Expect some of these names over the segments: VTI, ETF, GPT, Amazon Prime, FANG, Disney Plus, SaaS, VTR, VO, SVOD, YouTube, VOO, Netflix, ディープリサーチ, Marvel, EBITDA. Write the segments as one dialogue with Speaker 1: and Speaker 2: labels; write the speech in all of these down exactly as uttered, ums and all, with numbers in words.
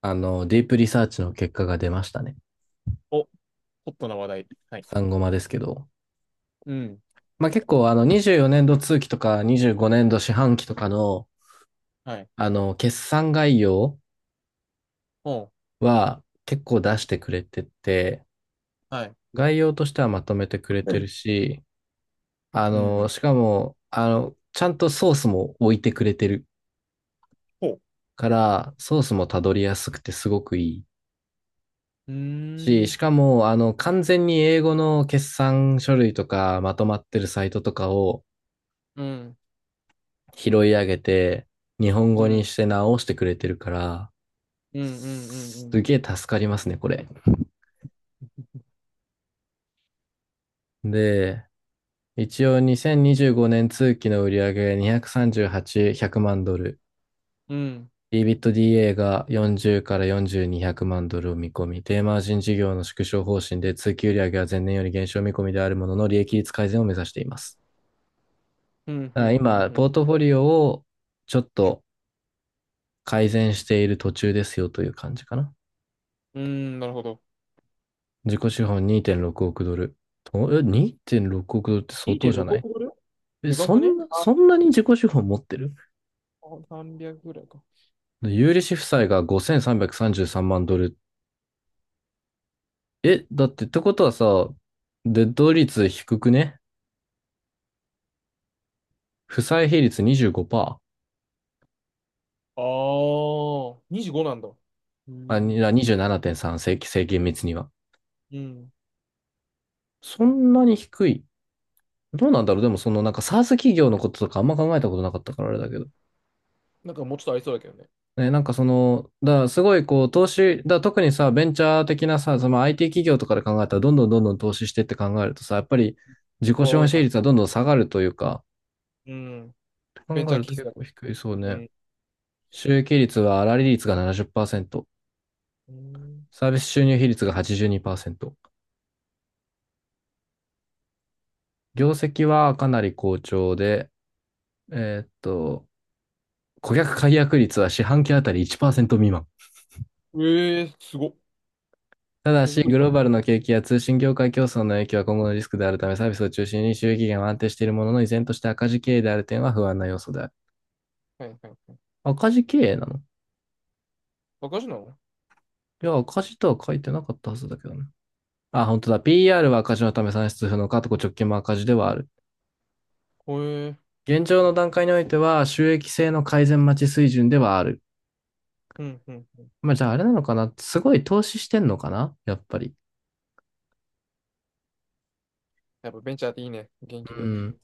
Speaker 1: あの、ディープリサーチの結果が出ましたね。
Speaker 2: お、ホットな話題。はい。
Speaker 1: 産ゴマですけど。
Speaker 2: うん。
Speaker 1: まあ、結構、あの、にじゅうよねん度通期とかにじゅうごねん度四半期とかの、
Speaker 2: はい。
Speaker 1: あの、決算概要
Speaker 2: ほ
Speaker 1: は結構出してくれてて、
Speaker 2: う。はい。
Speaker 1: 概要としてはまとめてくれてるし、あ
Speaker 2: う
Speaker 1: の、
Speaker 2: ん。
Speaker 1: しかも、あの、ちゃんとソースも置いてくれてる
Speaker 2: ほう。
Speaker 1: から、ソースもたどりやすくてすごくいい
Speaker 2: うー
Speaker 1: し、し
Speaker 2: ん。
Speaker 1: かも、あの、完全に英語の決算書類とかまとまってるサイトとかを、
Speaker 2: うん。
Speaker 1: 拾い上げて、日本
Speaker 2: う
Speaker 1: 語に
Speaker 2: ん。
Speaker 1: して直してくれてるから、
Speaker 2: うん。うん。う
Speaker 1: す
Speaker 2: ん。
Speaker 1: げえ助かりますね、これ。で、一応にせんにじゅうごねん通期の売上にひゃくさんじゅうはち、ひゃくまんドル。
Speaker 2: うん。うん。
Speaker 1: EBITDA がよんじゅうからよんせんにひゃくまんドルを見込み、低マージン事業の縮小方針で通期売上は前年より減少見込みであるものの利益率改善を目指しています。
Speaker 2: うん。
Speaker 1: だ
Speaker 2: う
Speaker 1: から
Speaker 2: ん。
Speaker 1: 今、
Speaker 2: うん。
Speaker 1: ポートフォリオをちょっと改善している途中ですよという感じかな。
Speaker 2: うん。なるほど。
Speaker 1: 自己資本にてんろくおくドル。とえ、にてんろくおくドルって相当じゃ
Speaker 2: 2.6
Speaker 1: ない？
Speaker 2: 億ドル。
Speaker 1: え、
Speaker 2: でか
Speaker 1: そ
Speaker 2: くね？
Speaker 1: んな、
Speaker 2: あ、
Speaker 1: そんなに自己資本持ってる？
Speaker 2: さんびゃくぐらいか。
Speaker 1: 有利子負債がごせんさんびゃくさんじゅうさんまんドル。え、だってってことはさ、デッド率低くね？負債比率にじゅうごパーセント。
Speaker 2: ああ、にじゅうごなんだ。う
Speaker 1: あ、
Speaker 2: ん。
Speaker 1: にあにじゅうななてんさん、正規、正規密には。
Speaker 2: うん。
Speaker 1: そんなに低い。どうなんだろう。でも、そのなんか SaaS 企業のこととかあんま考えたことなかったからあれだけど。
Speaker 2: なんかもうちょっとありそうだけどね。
Speaker 1: ね、なんかその、だからすごいこう投資、だから特にさ、ベンチャー的なさ、その アイティー 企業とかで考えたら、どんどんどんどん投資してって考えるとさ、やっぱり自己
Speaker 2: 人は
Speaker 1: 資
Speaker 2: 多
Speaker 1: 本
Speaker 2: い
Speaker 1: 比
Speaker 2: はず。
Speaker 1: 率はどんどん下がるというか、
Speaker 2: うん。
Speaker 1: って
Speaker 2: ベン
Speaker 1: 考
Speaker 2: チ
Speaker 1: え
Speaker 2: ャー
Speaker 1: ると
Speaker 2: 企業
Speaker 1: 結
Speaker 2: だ
Speaker 1: 構
Speaker 2: か
Speaker 1: 低いそう
Speaker 2: ら。う
Speaker 1: ね。
Speaker 2: ん。
Speaker 1: 収益率は粗利率がななじゅっパーセント、
Speaker 2: うん。
Speaker 1: サービス収入比率がはちじゅうにパーセント、業績はかなり好調で、えーっと、顧客解約率は四半期あたりいちパーセント未満。
Speaker 2: ええー、すごっ。
Speaker 1: ただ
Speaker 2: 手
Speaker 1: し、
Speaker 2: 作
Speaker 1: グ
Speaker 2: りと
Speaker 1: ロー
Speaker 2: か。
Speaker 1: バルの景気や通信業界競争の影響は今後のリスクであるため、サービスを中心に収益源は安定しているものの、依然として赤字経営である点は不安な要素である。
Speaker 2: はいはいはい。
Speaker 1: 赤字経営なの？
Speaker 2: バカじなの？
Speaker 1: いや、赤字とは書いてなかったはずだけどね。あ、本当だ。ピーアール は赤字のため算出不能か、と直近も赤字ではある。
Speaker 2: へえ。
Speaker 1: 現状の段階においては、収益性の改善待ち水準ではある。
Speaker 2: うんうんうん。
Speaker 1: まあ、じゃああれなのかな、すごい投資してんのかなやっぱり。
Speaker 2: やっぱベンチャーっていいね、元気
Speaker 1: う
Speaker 2: で。
Speaker 1: ん。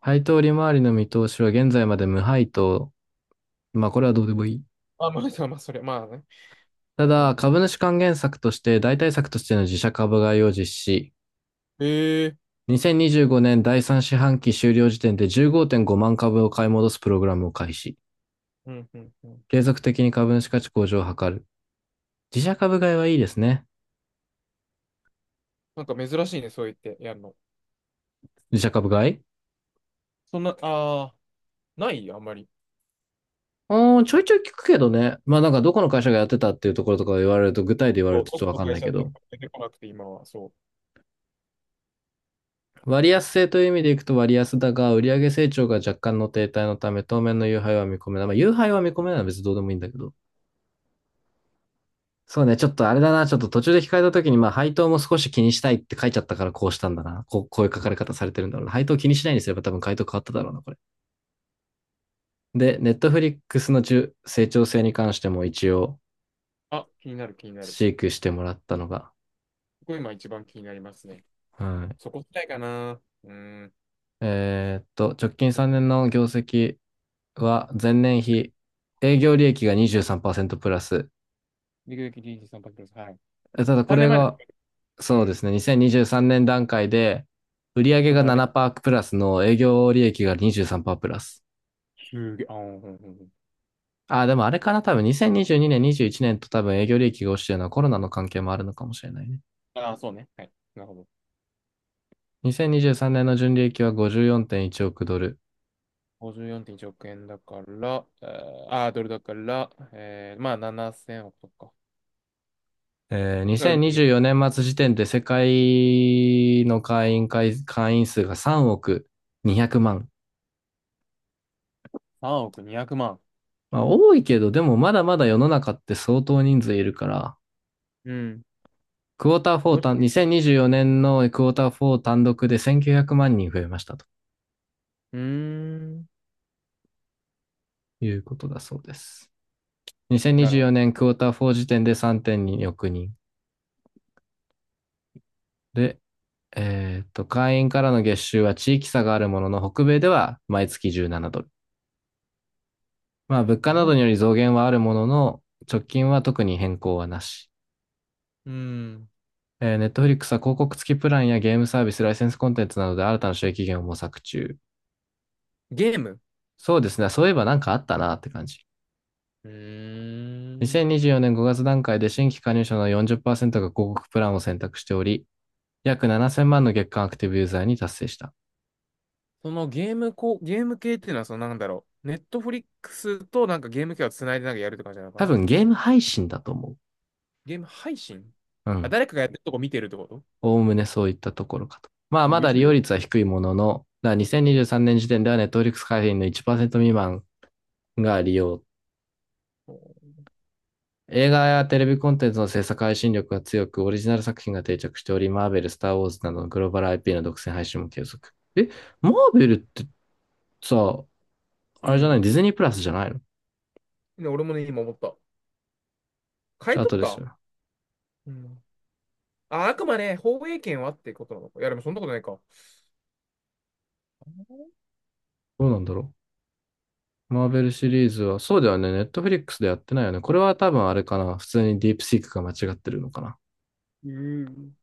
Speaker 1: 配当利回りの見通しは現在まで無配当。まあ、これはどうでもいい。
Speaker 2: あ、まあ、まあ、それ、まあね。
Speaker 1: た
Speaker 2: えで
Speaker 1: だ、
Speaker 2: も入っ
Speaker 1: 株主還元策として代替策としての自社株買いを実施。
Speaker 2: て、へえ。
Speaker 1: にせんにじゅうごねんだいさん四半期終了時点でじゅうごてんごまん株を買い戻すプログラムを開始。
Speaker 2: うんうんうん。
Speaker 1: 継続的に株主価値向上を図る。自社株買いはいいですね。
Speaker 2: なんか珍しいね、そう言ってやるの。
Speaker 1: 自社株買い。
Speaker 2: そんな、ああ、ないあんまり。
Speaker 1: うん、ちょいちょい聞くけどね。まあなんかどこの会社がやってたっていうところとか言われると、具体で言われ
Speaker 2: そ
Speaker 1: る
Speaker 2: う、
Speaker 1: とちょっと
Speaker 2: 僕
Speaker 1: わ
Speaker 2: の
Speaker 1: かん
Speaker 2: 会
Speaker 1: ない
Speaker 2: 社
Speaker 1: け
Speaker 2: って
Speaker 1: ど。
Speaker 2: 出てこなくて、今は。そう。
Speaker 1: 割安性という意味でいくと割安だが、売上成長が若干の停滞のため、当面の優配は見込めない。まあ、優配は見込めないのは別にどうでもいいんだけど。そうね、ちょっとあれだな、ちょっと途中で控えた時に、まあ、配当も少し気にしたいって書いちゃったからこうしたんだな。こう、こういう書かれ方されてるんだろうな。配当気にしないにすれば多分回答変わっただろうな、これ。で、ネットフリックスの中成長性に関しても一応、
Speaker 2: あ、気になる、気になる。
Speaker 1: 飼育してもらったのが、
Speaker 2: ここ今一番気になりますね。
Speaker 1: はい。
Speaker 2: そこたいかな。うーん。
Speaker 1: えーっと、直近さんねんの業績は、前年比、営業利益がにじゅうさんパーセントプラス。
Speaker 2: リグリグリージさんパックです。はい。
Speaker 1: えただこ
Speaker 2: 3
Speaker 1: れ
Speaker 2: 年前だ。
Speaker 1: が、
Speaker 2: う
Speaker 1: そうで
Speaker 2: ん。
Speaker 1: すね、にせんにじゅうさんねん段階で、売上
Speaker 2: と
Speaker 1: が
Speaker 2: 比べ。
Speaker 1: ななパーセントプラスの営業利益がにじゅうさんパーセントプラス。
Speaker 2: すげえ。あー、うんうんうん。
Speaker 1: あ、でもあれかな、多分にせんにじゅうにねん、にじゅういちねんと多分営業利益が落ちてるのはコロナの関係もあるのかもしれないね。
Speaker 2: ああ、そうね。はい。なるほど。
Speaker 1: にせんにじゅうさんねんの純利益はごじゅうよんてんいちおくドル。
Speaker 2: ごじゅうよんてんいちおく円だから、えーあー、ドルだから、えーまあななせんおくとか。
Speaker 1: えー、
Speaker 2: が売り上
Speaker 1: 2024
Speaker 2: げ。
Speaker 1: 年末時点で世界の会員会、会員数がさんおくにひゃくまん。
Speaker 2: さんおくにひゃくまん。
Speaker 1: まあ多いけど、でもまだまだ世の中って相当人数いるから、
Speaker 2: うん。
Speaker 1: クォーター4
Speaker 2: もう、
Speaker 1: 単、にせんにじゅうよねんのクォーターフォー単独でせんきゅうひゃくまん人増えましたと
Speaker 2: うーん。
Speaker 1: いうことだそうです。
Speaker 2: な
Speaker 1: 2024
Speaker 2: るほ
Speaker 1: 年クォーター4時点でさんてんにおく人。で、えーっと、会員からの月収は地域差があるものの、北米では毎月じゅうななドル。まあ、
Speaker 2: ど。
Speaker 1: 物
Speaker 2: な
Speaker 1: 価
Speaker 2: 日
Speaker 1: など
Speaker 2: 本、
Speaker 1: により増減はあるものの、直近は特に変更はなし。
Speaker 2: うーん。
Speaker 1: えー、Netflix は広告付きプランやゲームサービス、ライセンスコンテンツなどで新たな収益源を模索中。
Speaker 2: ゲーム。
Speaker 1: そうですね。そういえばなんかあったなって感じ。
Speaker 2: うーん。
Speaker 1: にせんにじゅうよねんごがつ段階で新規加入者のよんじゅっパーセントが広告プランを選択しており、約ななせんまんの月間アクティブユーザーに達成した。
Speaker 2: そのゲームこ、ゲーム系っていうのは、そのなんだろう。ネットフリックスとなんかゲーム系をつないでなんかやるって感じなのか
Speaker 1: 多
Speaker 2: な？
Speaker 1: 分ゲーム配信だと思
Speaker 2: ゲーム配信。
Speaker 1: う。う
Speaker 2: あ、
Speaker 1: ん。
Speaker 2: 誰かがやってるとこ見てるってこと？
Speaker 1: おおむねそういったところかと。まあ、まだ
Speaker 2: YouTube
Speaker 1: 利
Speaker 2: で
Speaker 1: 用
Speaker 2: よ。
Speaker 1: 率は低いものの、だ2023
Speaker 2: う
Speaker 1: 年時点では Netflix 会員のいちパーセント未満が利用。
Speaker 2: ん。
Speaker 1: 映画やテレビコンテンツの制作配信力が強く、オリジナル作品が定着しており、マーベル、スター・ウォーズなどのグローバル アイピー の独占配信も継続。え、マーベルってさ、
Speaker 2: う
Speaker 1: あれじゃない？
Speaker 2: ん。
Speaker 1: ディズニープラスじゃないの？
Speaker 2: で俺もね、今思った。
Speaker 1: チ
Speaker 2: 買い
Speaker 1: ャー
Speaker 2: 取
Speaker 1: ト
Speaker 2: っ
Speaker 1: です
Speaker 2: た。
Speaker 1: よね。
Speaker 2: うん。あ、あくまで放映権はってことなのか。いや、でもそんなことないか。
Speaker 1: どうなんだろう。マーベルシリーズは、そうだよね。ネットフリックスでやってないよね。これは多分あれかな。普通にディープシークが間違ってるのかな。
Speaker 2: うん。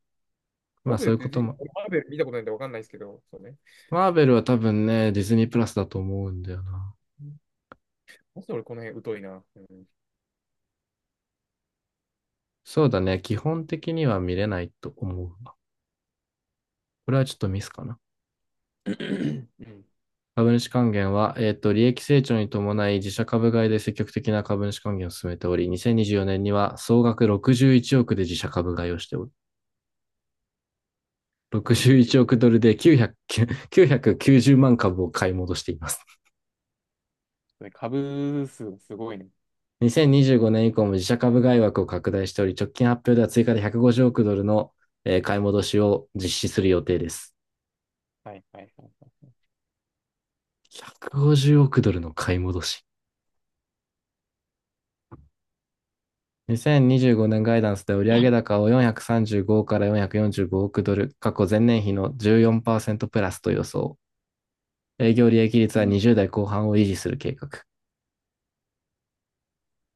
Speaker 1: ま
Speaker 2: マー
Speaker 1: あ
Speaker 2: ベル
Speaker 1: そう
Speaker 2: っ
Speaker 1: いうこ
Speaker 2: て
Speaker 1: と
Speaker 2: じ、
Speaker 1: も。
Speaker 2: マーベル見たことないんでわかんないですけど、そうね。
Speaker 1: マーベルは多分ね、ディズニープラスだと思うんだよな。
Speaker 2: まず俺この辺疎いな。うん。
Speaker 1: そうだね。基本的には見れないと思うわ。これはちょっとミスかな。
Speaker 2: うん。
Speaker 1: 株主還元は、えっと、利益成長に伴い自社株買いで積極的な株主還元を進めており、にせんにじゅうよねんにじゅうよねんには総額ろくじゅういちおくで自社株買いをしておる。
Speaker 2: 61
Speaker 1: 61
Speaker 2: 億。
Speaker 1: 億ドルで900 きゅうひゃくきゅうじゅうまん株を買い戻しています。
Speaker 2: それ株数すごいね。
Speaker 1: にせんにじゅうごねん以降も自社株買い枠を拡大しており、直近発表では追加でひゃくごじゅうおくドルの買い戻しを実施する予定です。
Speaker 2: はいはいはい。
Speaker 1: ひゃくごじゅうおくドルの買い戻し。にせんにじゅうごねんガイダンスで売上高をよんひゃくさんじゅうごからよんひゃくよんじゅうごおくドル、過去前年比のじゅうよんパーセントプラスと予想。営業利益率
Speaker 2: う
Speaker 1: は
Speaker 2: ん。
Speaker 1: にじゅう代後半を維持する計画。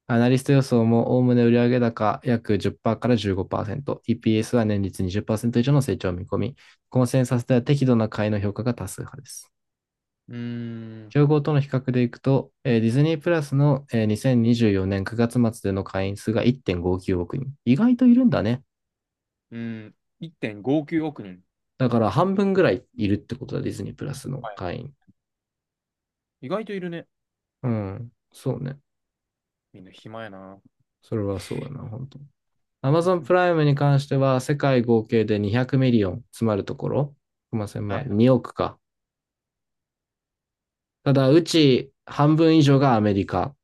Speaker 1: アナリスト予想もおおむね売上高約じゅっパーセントからじゅうごパーセント、イーピーエス は年率にじゅっパーセント以上の成長を見込み、コンセンサスでは適度な買いの評価が多数派です。
Speaker 2: うーん。
Speaker 1: 競合との比較でいくと、えーディズニープラスの、えーにせんにじゅうよねんくがつ末での会員数がいってんごきゅうおく人。意外といるんだね。
Speaker 2: うん。いってんごきゅうおく人。
Speaker 1: だから半分ぐらいいるってことだ、ディズニープラスの
Speaker 2: はい。
Speaker 1: 会員。
Speaker 2: 意外といるね。
Speaker 1: うん、そうね。
Speaker 2: みんな暇やな。
Speaker 1: それはそうだな、本当。Amazon プ ライムに関しては、世界合計でにひゃくミリオン、つまるところ、すいません、ま
Speaker 2: は
Speaker 1: あ
Speaker 2: いはい。
Speaker 1: におくか。ただ、うち半分以上がアメリカ。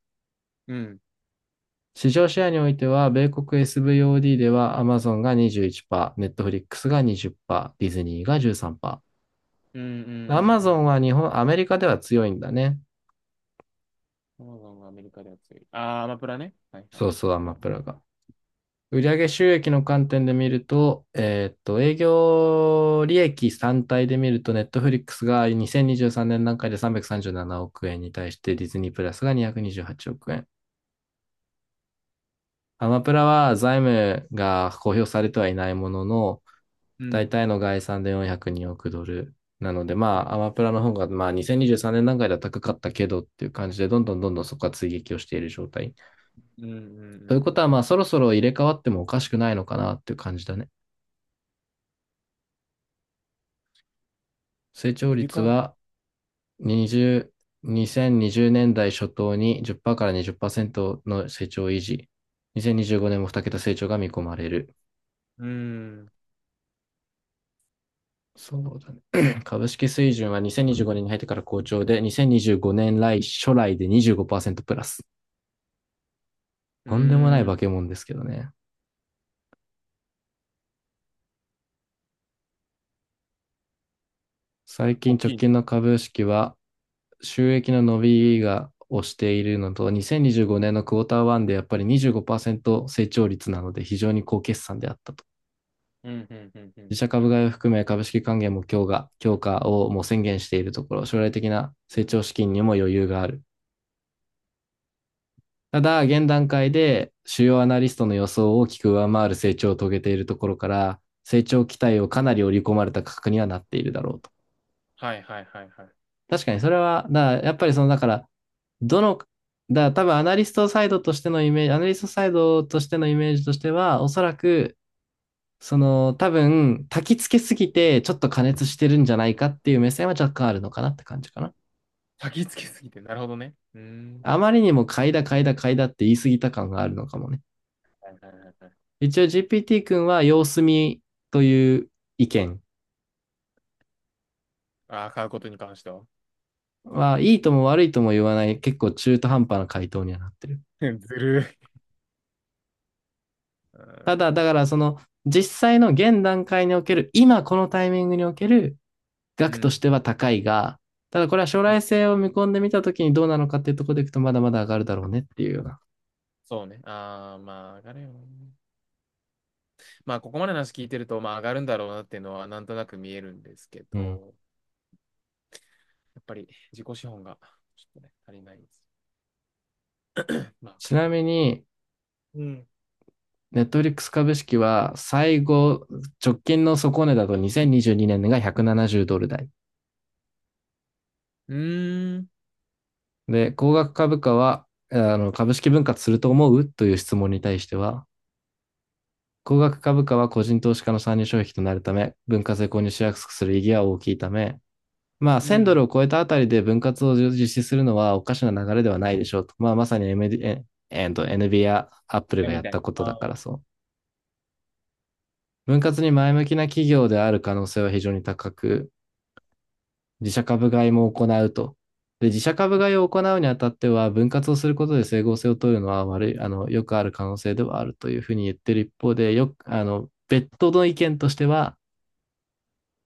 Speaker 2: うん。
Speaker 1: 市場シェアにおいては、米国 エスブイオーディー では Amazon がにじゅういちパーセント、Netflix がにじゅっパーセント、ディズニーがじゅうさんパーセント。
Speaker 2: うんうんうん
Speaker 1: Amazon
Speaker 2: うん。
Speaker 1: は日本、アメリカでは強いんだね。
Speaker 2: そうなのアメリカでは強い。あー、アマプラね。はいは
Speaker 1: そ
Speaker 2: い。
Speaker 1: うそう、アマプラが。売上収益の観点で見ると、えーっと、営業利益単体で見ると、Netflix がにせんにじゅうさんねん段階でさんびゃくさんじゅうななおく円に対して、ディズニープラスがにひゃくにじゅうはちおく円。アマプラは財務が公表されてはいないものの、
Speaker 2: う
Speaker 1: 大
Speaker 2: ん。
Speaker 1: 体の概算でよんひゃくにおくドル。なので、
Speaker 2: う
Speaker 1: ま
Speaker 2: ん
Speaker 1: あ、アマプラの方が、まあ、にせんにじゅうさんねん段階では高かったけどっていう感じで、どんどんどんどんそこは追撃をしている状態。
Speaker 2: うんうんう
Speaker 1: ということは、ま
Speaker 2: ん。
Speaker 1: あ、そろそろ入れ替わってもおかしくないのかなっていう感じだね。成長
Speaker 2: 入れ
Speaker 1: 率
Speaker 2: 替わら、
Speaker 1: はにじゅう、にせんにじゅうねんだい初頭にじゅっパーセントからにじゅっパーセントの成長維持。にせんにじゅうごねんもに桁成長が見込まれる。
Speaker 2: うーん。
Speaker 1: そうだね。株式水準は2025年にじゅうごねんに入ってから好調で、にせんにじゅうごねん来初来でにじゅうごパーセントプラス。
Speaker 2: う
Speaker 1: とんでもない
Speaker 2: ーん。
Speaker 1: 化け物ですけどね。最近
Speaker 2: 大
Speaker 1: 直
Speaker 2: きい。
Speaker 1: 近の株式は収益の伸びがをしているのと、にせんにじゅうごねんのクォーターワンでやっぱりにじゅうごパーセント成長率なので非常に高決算であったと。
Speaker 2: うん、うん、うん、うん。
Speaker 1: 自社株買いを含め株式還元も強化、強化をもう宣言しているところ、将来的な成長資金にも余裕がある。ただ、現段階で主要アナリストの予想を大きく上回る成長を遂げているところから、成長期待をかなり織り込まれた価格にはなっているだろうと。
Speaker 2: はい、はい、はい、はい。
Speaker 1: 確かにそれは、だやっぱりその、だから、どの、だ多分アナリストサイドとしてのイメージ、アナリストサイドとしてのイメージとしては、おそらく、その、多分、焚き付けすぎて、ちょっと過熱してるんじゃないかっていう目線は若干あるのかなって感じかな。
Speaker 2: 先つけすぎて、なるほどね。うーん。
Speaker 1: あまりにも買いだ買いだ買いだって言い過ぎた感があるのかもね。
Speaker 2: はい、はい、はいはい。
Speaker 1: 一応 ジーピーティー 君は様子見という意見
Speaker 2: ああ、買うことに関しては。
Speaker 1: は、いいとも悪いとも言わない、結構中途半端な回答にはなってる。
Speaker 2: ずるい。う
Speaker 1: ただ、
Speaker 2: ん。
Speaker 1: だからその実際の現段階における、今このタイミングにおける
Speaker 2: う
Speaker 1: 額とし
Speaker 2: ん。
Speaker 1: ては高いが、ただこれは将来性を見込んでみたときにどうなのかっていうところでいくとまだまだ上がるだろうねっていうような。
Speaker 2: そうね。ああ、まあ、上がるよね。まあ、ここまでの話聞いてると、まあ、上がるんだろうなっていうのは、なんとなく見えるんですけ
Speaker 1: うん、
Speaker 2: ど、やっぱり自己資本が、ちょっとね、足りないです。まあ、
Speaker 1: ちなみに、
Speaker 2: うん。
Speaker 1: ネットフリックス株式は最後、直近の底値だとにせんにじゅうにねんがひゃくななじゅうドル台。
Speaker 2: うーん。
Speaker 1: で、高額株価は、あの、株式分割すると思うという質問に対しては、高額株価は個人投資家の参入障壁となるため、分割で購入しやすくする意義は大きいため、まあ、
Speaker 2: う
Speaker 1: せんド
Speaker 2: ん。
Speaker 1: ルを超えたあたりで分割を実施するのはおかしな流れではないでしょうと。まあ、まさに エムディー、ええと エヌビー や Apple がや
Speaker 2: み
Speaker 1: っ
Speaker 2: たい。
Speaker 1: たこと
Speaker 2: あ
Speaker 1: だか
Speaker 2: あ。
Speaker 1: らそう。分割に前向きな企業である可能性は非常に高く、自社株買いも行うと。で、自社株買いを行うにあたっては、分割をすることで整合性を取るのは悪い、あの、よくある可能性ではあるというふうに言ってる一方で、よく、あの、別途の意見としては、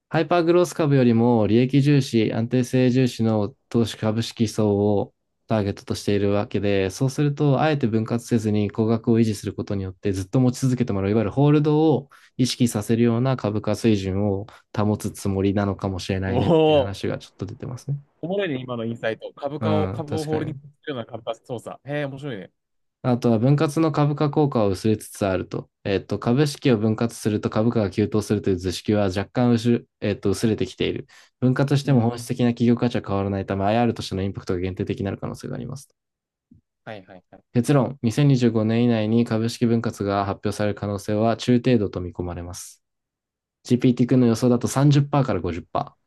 Speaker 1: ハイパーグロース株よりも利益重視、安定性重視の投資株式層をターゲットとしているわけで、そうすると、あえて分割せずに高額を維持することによって、ずっと持ち続けてもらう、いわゆるホールドを意識させるような株価水準を保つつもりなのかもしれな
Speaker 2: お
Speaker 1: いねっていう
Speaker 2: お。
Speaker 1: 話がちょっと出てますね。
Speaker 2: おもろいね、今のインサイト。株
Speaker 1: う
Speaker 2: 価を、
Speaker 1: ん、
Speaker 2: 株を
Speaker 1: 確
Speaker 2: ホ
Speaker 1: か
Speaker 2: ー
Speaker 1: に
Speaker 2: ルディン
Speaker 1: ね。
Speaker 2: グするような株価操作。へえ、面白いね。
Speaker 1: あとは分割の株価効果は薄れつつあると。えっと、株式を分割すると株価が急騰するという図式は若干薄、えっと、薄れてきている。分割して
Speaker 2: う
Speaker 1: も
Speaker 2: ん。
Speaker 1: 本質的な企業価値は変わらないため、アイアール としてのインパクトが限定的になる可能性があります。
Speaker 2: はいはいはい。
Speaker 1: 結論、にせんにじゅうごねん以内に株式分割が発表される可能性は中程度と見込まれます。ジーピーティー 君の予想だとさんじゅっパーセントからごじゅっパーセント。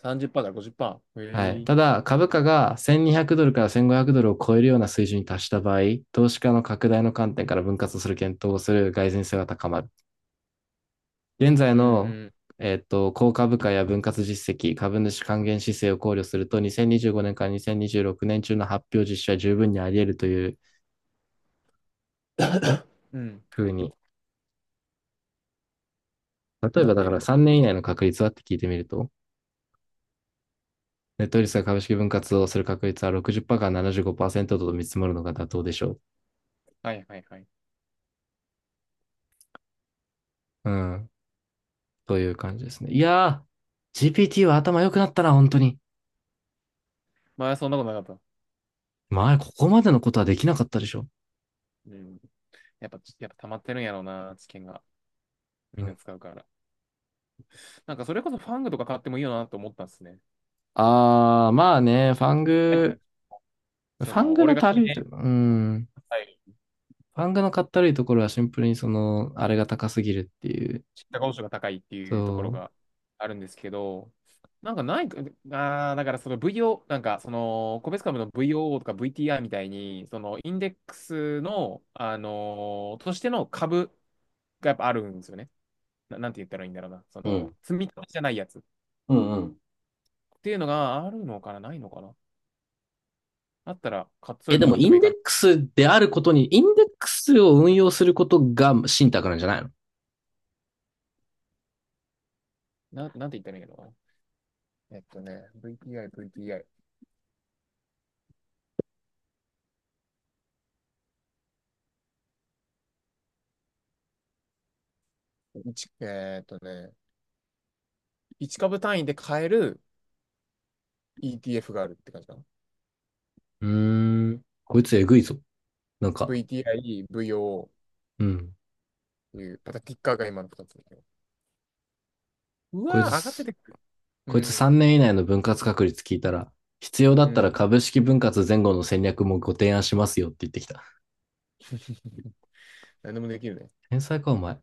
Speaker 2: さんじゅっパーセントからごじゅっパーセント。
Speaker 1: は
Speaker 2: へ
Speaker 1: い。
Speaker 2: え。
Speaker 1: ただ、株価がせんにひゃくドルからせんごひゃくドルを超えるような水準に達した場合、投資家の拡大の観点から分割する検討をする蓋然性が高まる。現在
Speaker 2: うんう
Speaker 1: の、
Speaker 2: ん。
Speaker 1: えっと、高株価や分割実績、株主還元姿勢を考慮すると、にせんにじゅうごねんからにせんにじゅうろくねん中の発表実施は十分にあり得るという
Speaker 2: うん。
Speaker 1: ふうに、例え
Speaker 2: な
Speaker 1: ば
Speaker 2: っ
Speaker 1: だ
Speaker 2: てい
Speaker 1: か
Speaker 2: る
Speaker 1: ら
Speaker 2: と。
Speaker 1: さんねん以内の確率はって聞いてみると、ネットリスが株式分割をする確率はろくじゅっパーセントからななじゅうごパーセントと見積もるのが妥当でしょ
Speaker 2: はいはいはい。
Speaker 1: う。うん。という感じですね。いやー、ジーピーティー は頭良くなったな、本当に。
Speaker 2: まあ、そんなことなかった？
Speaker 1: 前、ここまでのことはできなかったでしょ。
Speaker 2: うん。やっぱ、やっぱ溜まってるんやろうな、知見が。み
Speaker 1: う
Speaker 2: ん
Speaker 1: ん、
Speaker 2: な使うから。なんか、それこそファングとか買ってもいいよなと思ったんですね。
Speaker 1: あー、まあね、ファン
Speaker 2: はい。
Speaker 1: グ、フ
Speaker 2: そ
Speaker 1: ァン
Speaker 2: の、
Speaker 1: グ
Speaker 2: 俺
Speaker 1: の
Speaker 2: が、は
Speaker 1: たるいというか、うん。
Speaker 2: い、
Speaker 1: 漫画のかったるいところはシンプルにその、あれが高すぎるっていう。
Speaker 2: 知ったことが高いっていうところ
Speaker 1: そ
Speaker 2: があるんですけど、なんかないか、あーだからその ブイオー、なんかその、個別株の ブイオーオー とか ブイティーアール みたいに、そのインデックスの、あのーとしての株がやっぱあるんですよね。な、なんて言ったらいいんだろうな。そ
Speaker 1: う。う
Speaker 2: の、
Speaker 1: ん。
Speaker 2: 積み立てじゃないやつっ
Speaker 1: うんうん。
Speaker 2: ていうのがあるのかな、ないのかな。あったら、か、そう
Speaker 1: え、
Speaker 2: いう
Speaker 1: で
Speaker 2: の
Speaker 1: も、
Speaker 2: 買って
Speaker 1: イ
Speaker 2: もい
Speaker 1: ン
Speaker 2: い
Speaker 1: デッ
Speaker 2: かな。
Speaker 1: クスであることに、インデックスを運用することが信託なんじゃないの？
Speaker 2: な、なんて言ったらいいのな。えっとね、ブイティーアイ、ブイティーアイ。一えーっとね、いち株単位で買える ETF があるって感じかな。
Speaker 1: うーん。こいつえぐいぞ。なんか、
Speaker 2: ブイティーアイ、ブイオー っ
Speaker 1: うん。
Speaker 2: ていう、またキッカーが今のふたつだけど。う
Speaker 1: こい
Speaker 2: わー、上がって
Speaker 1: つ、
Speaker 2: てくる。う
Speaker 1: こいつ
Speaker 2: ん、
Speaker 1: さんねん以内の分割確率聞いたら、必要だ
Speaker 2: う
Speaker 1: ったら
Speaker 2: ん。
Speaker 1: 株式分割前後の戦略もご提案しますよって言ってきた。
Speaker 2: 何でもできるね。
Speaker 1: 天才か、お前。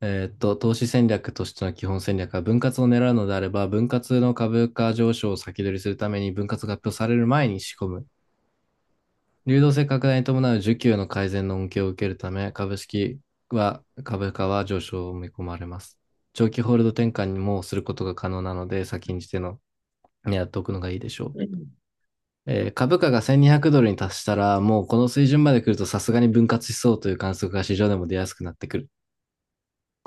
Speaker 1: えーっと、投資戦略としての基本戦略は、分割を狙うのであれば、分割の株価上昇を先取りするために、分割が発表される前に仕込む。流動性拡大に伴う需給の改善の恩恵を受けるため、株式は、株価は上昇を見込まれます。長期ホールド転換にもすることが可能なので、先んじての、やっておくのがいいでしょ
Speaker 2: う
Speaker 1: う。
Speaker 2: ん
Speaker 1: えー株価がせんにひゃくドルに達したら、もうこの水準まで来るとさすがに分割しそうという観測が市場でも出やすくなってくる。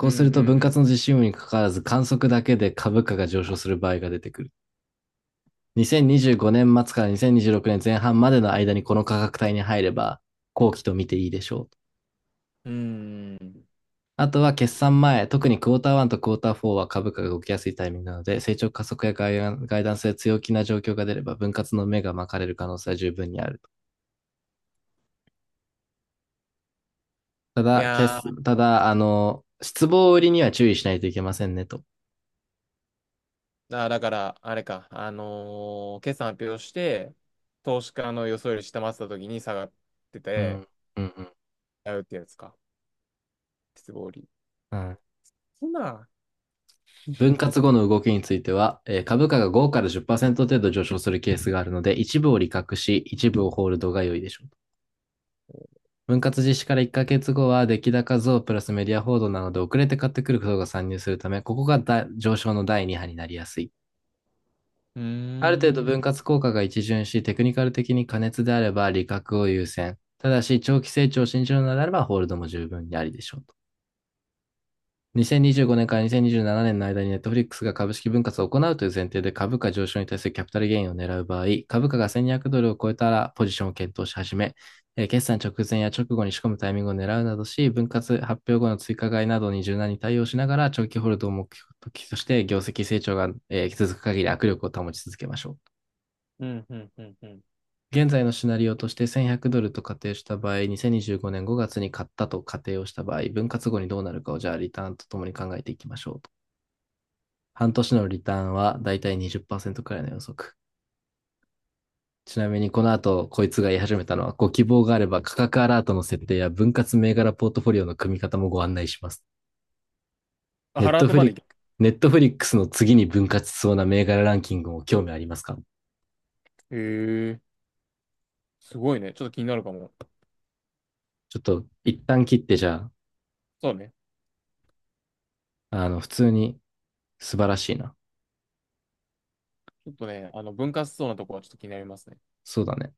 Speaker 2: うん
Speaker 1: う
Speaker 2: う
Speaker 1: すると分
Speaker 2: ん
Speaker 1: 割の実施有無にかかわらず観測だけで株価が上昇する場合が出てくる。にせんにじゅうごねん末からにせんにじゅうろくねんぜんはんまでの間にこの価格帯に入れば後期と見ていいでしょう。
Speaker 2: うん。うーん。
Speaker 1: あとは決算前、特にクォーターワンとクォーターフォーは株価が動きやすいタイミングなので、成長加速やガイダンスで強気な状況が出れば分割の目が巻かれる可能性は十分にあると。た
Speaker 2: い
Speaker 1: だ、
Speaker 2: や
Speaker 1: 決
Speaker 2: ー、
Speaker 1: ただ、あの、失望売りには注意しないといけませんねと。
Speaker 2: あだから、あれか、あのー決算発表して、投資家の予想より下回ってた時に下がって
Speaker 1: う
Speaker 2: て、
Speaker 1: ん、うん、うん。
Speaker 2: やうってやつか。鉄棒売り。
Speaker 1: うん。
Speaker 2: そんな。
Speaker 1: 分割後の動きについては、えー株価がごからじっパーセント程度上昇するケースがあるので、一部を利確し、一部をホールドが良いでしょう。分割実施からいっかげつごは、出来高増プラスメディア報道なので、遅れて買ってくる人が参入するため、ここがだ上昇のだいに波になりやすい。
Speaker 2: うー
Speaker 1: ある程度分
Speaker 2: ん。
Speaker 1: 割効果が一巡し、テクニカル的に過熱であれば利確を優先。ただし、長期成長を信じるのであれば、ホールドも十分にありでしょうと。にせんにじゅうごねんからにせんにじゅうななねんの間に Netflix が株式分割を行うという前提で株価上昇に対するキャピタルゲインを狙う場合、株価がせんにひゃくドルを超えたらポジションを検討し始め、えー決算直前や直後に仕込むタイミングを狙うなどし、分割発表後の追加買いなどに柔軟に対応しながら長期ホールドを目標として業績成長が、えー続く限り握力を保ち続けましょう。
Speaker 2: うん、うん、うん、うん。
Speaker 1: 現在のシナリオとしてせんひゃくドルと仮定した場合、にせんにじゅうごねんごがつに買ったと仮定をした場合、分割後にどうなるかをじゃあリターンとともに考えていきましょうと。半年のリターンはだいたいにじゅっパーセントくらいの予測。ちなみにこの後、こいつが言い始めたのは、ご希望があれば価格アラートの設定や分割銘柄ポートフォリオの組み方もご案内します。
Speaker 2: あ、
Speaker 1: ネ
Speaker 2: ハ
Speaker 1: ッ
Speaker 2: ラー
Speaker 1: ト
Speaker 2: ト
Speaker 1: フ
Speaker 2: ま
Speaker 1: リッ
Speaker 2: で
Speaker 1: ク、
Speaker 2: 行け。
Speaker 1: ネットフリックスの次に分割しそうな銘柄ランキングも興味ありますか？
Speaker 2: へえ、すごいね。ちょっと気になるかも。
Speaker 1: ちょっと一旦切ってじゃ
Speaker 2: そうね。
Speaker 1: あ、あの、普通に素晴らしいな。
Speaker 2: ちょっとね、あの、分割しそうなとこはちょっと気になりますね。
Speaker 1: そうだね。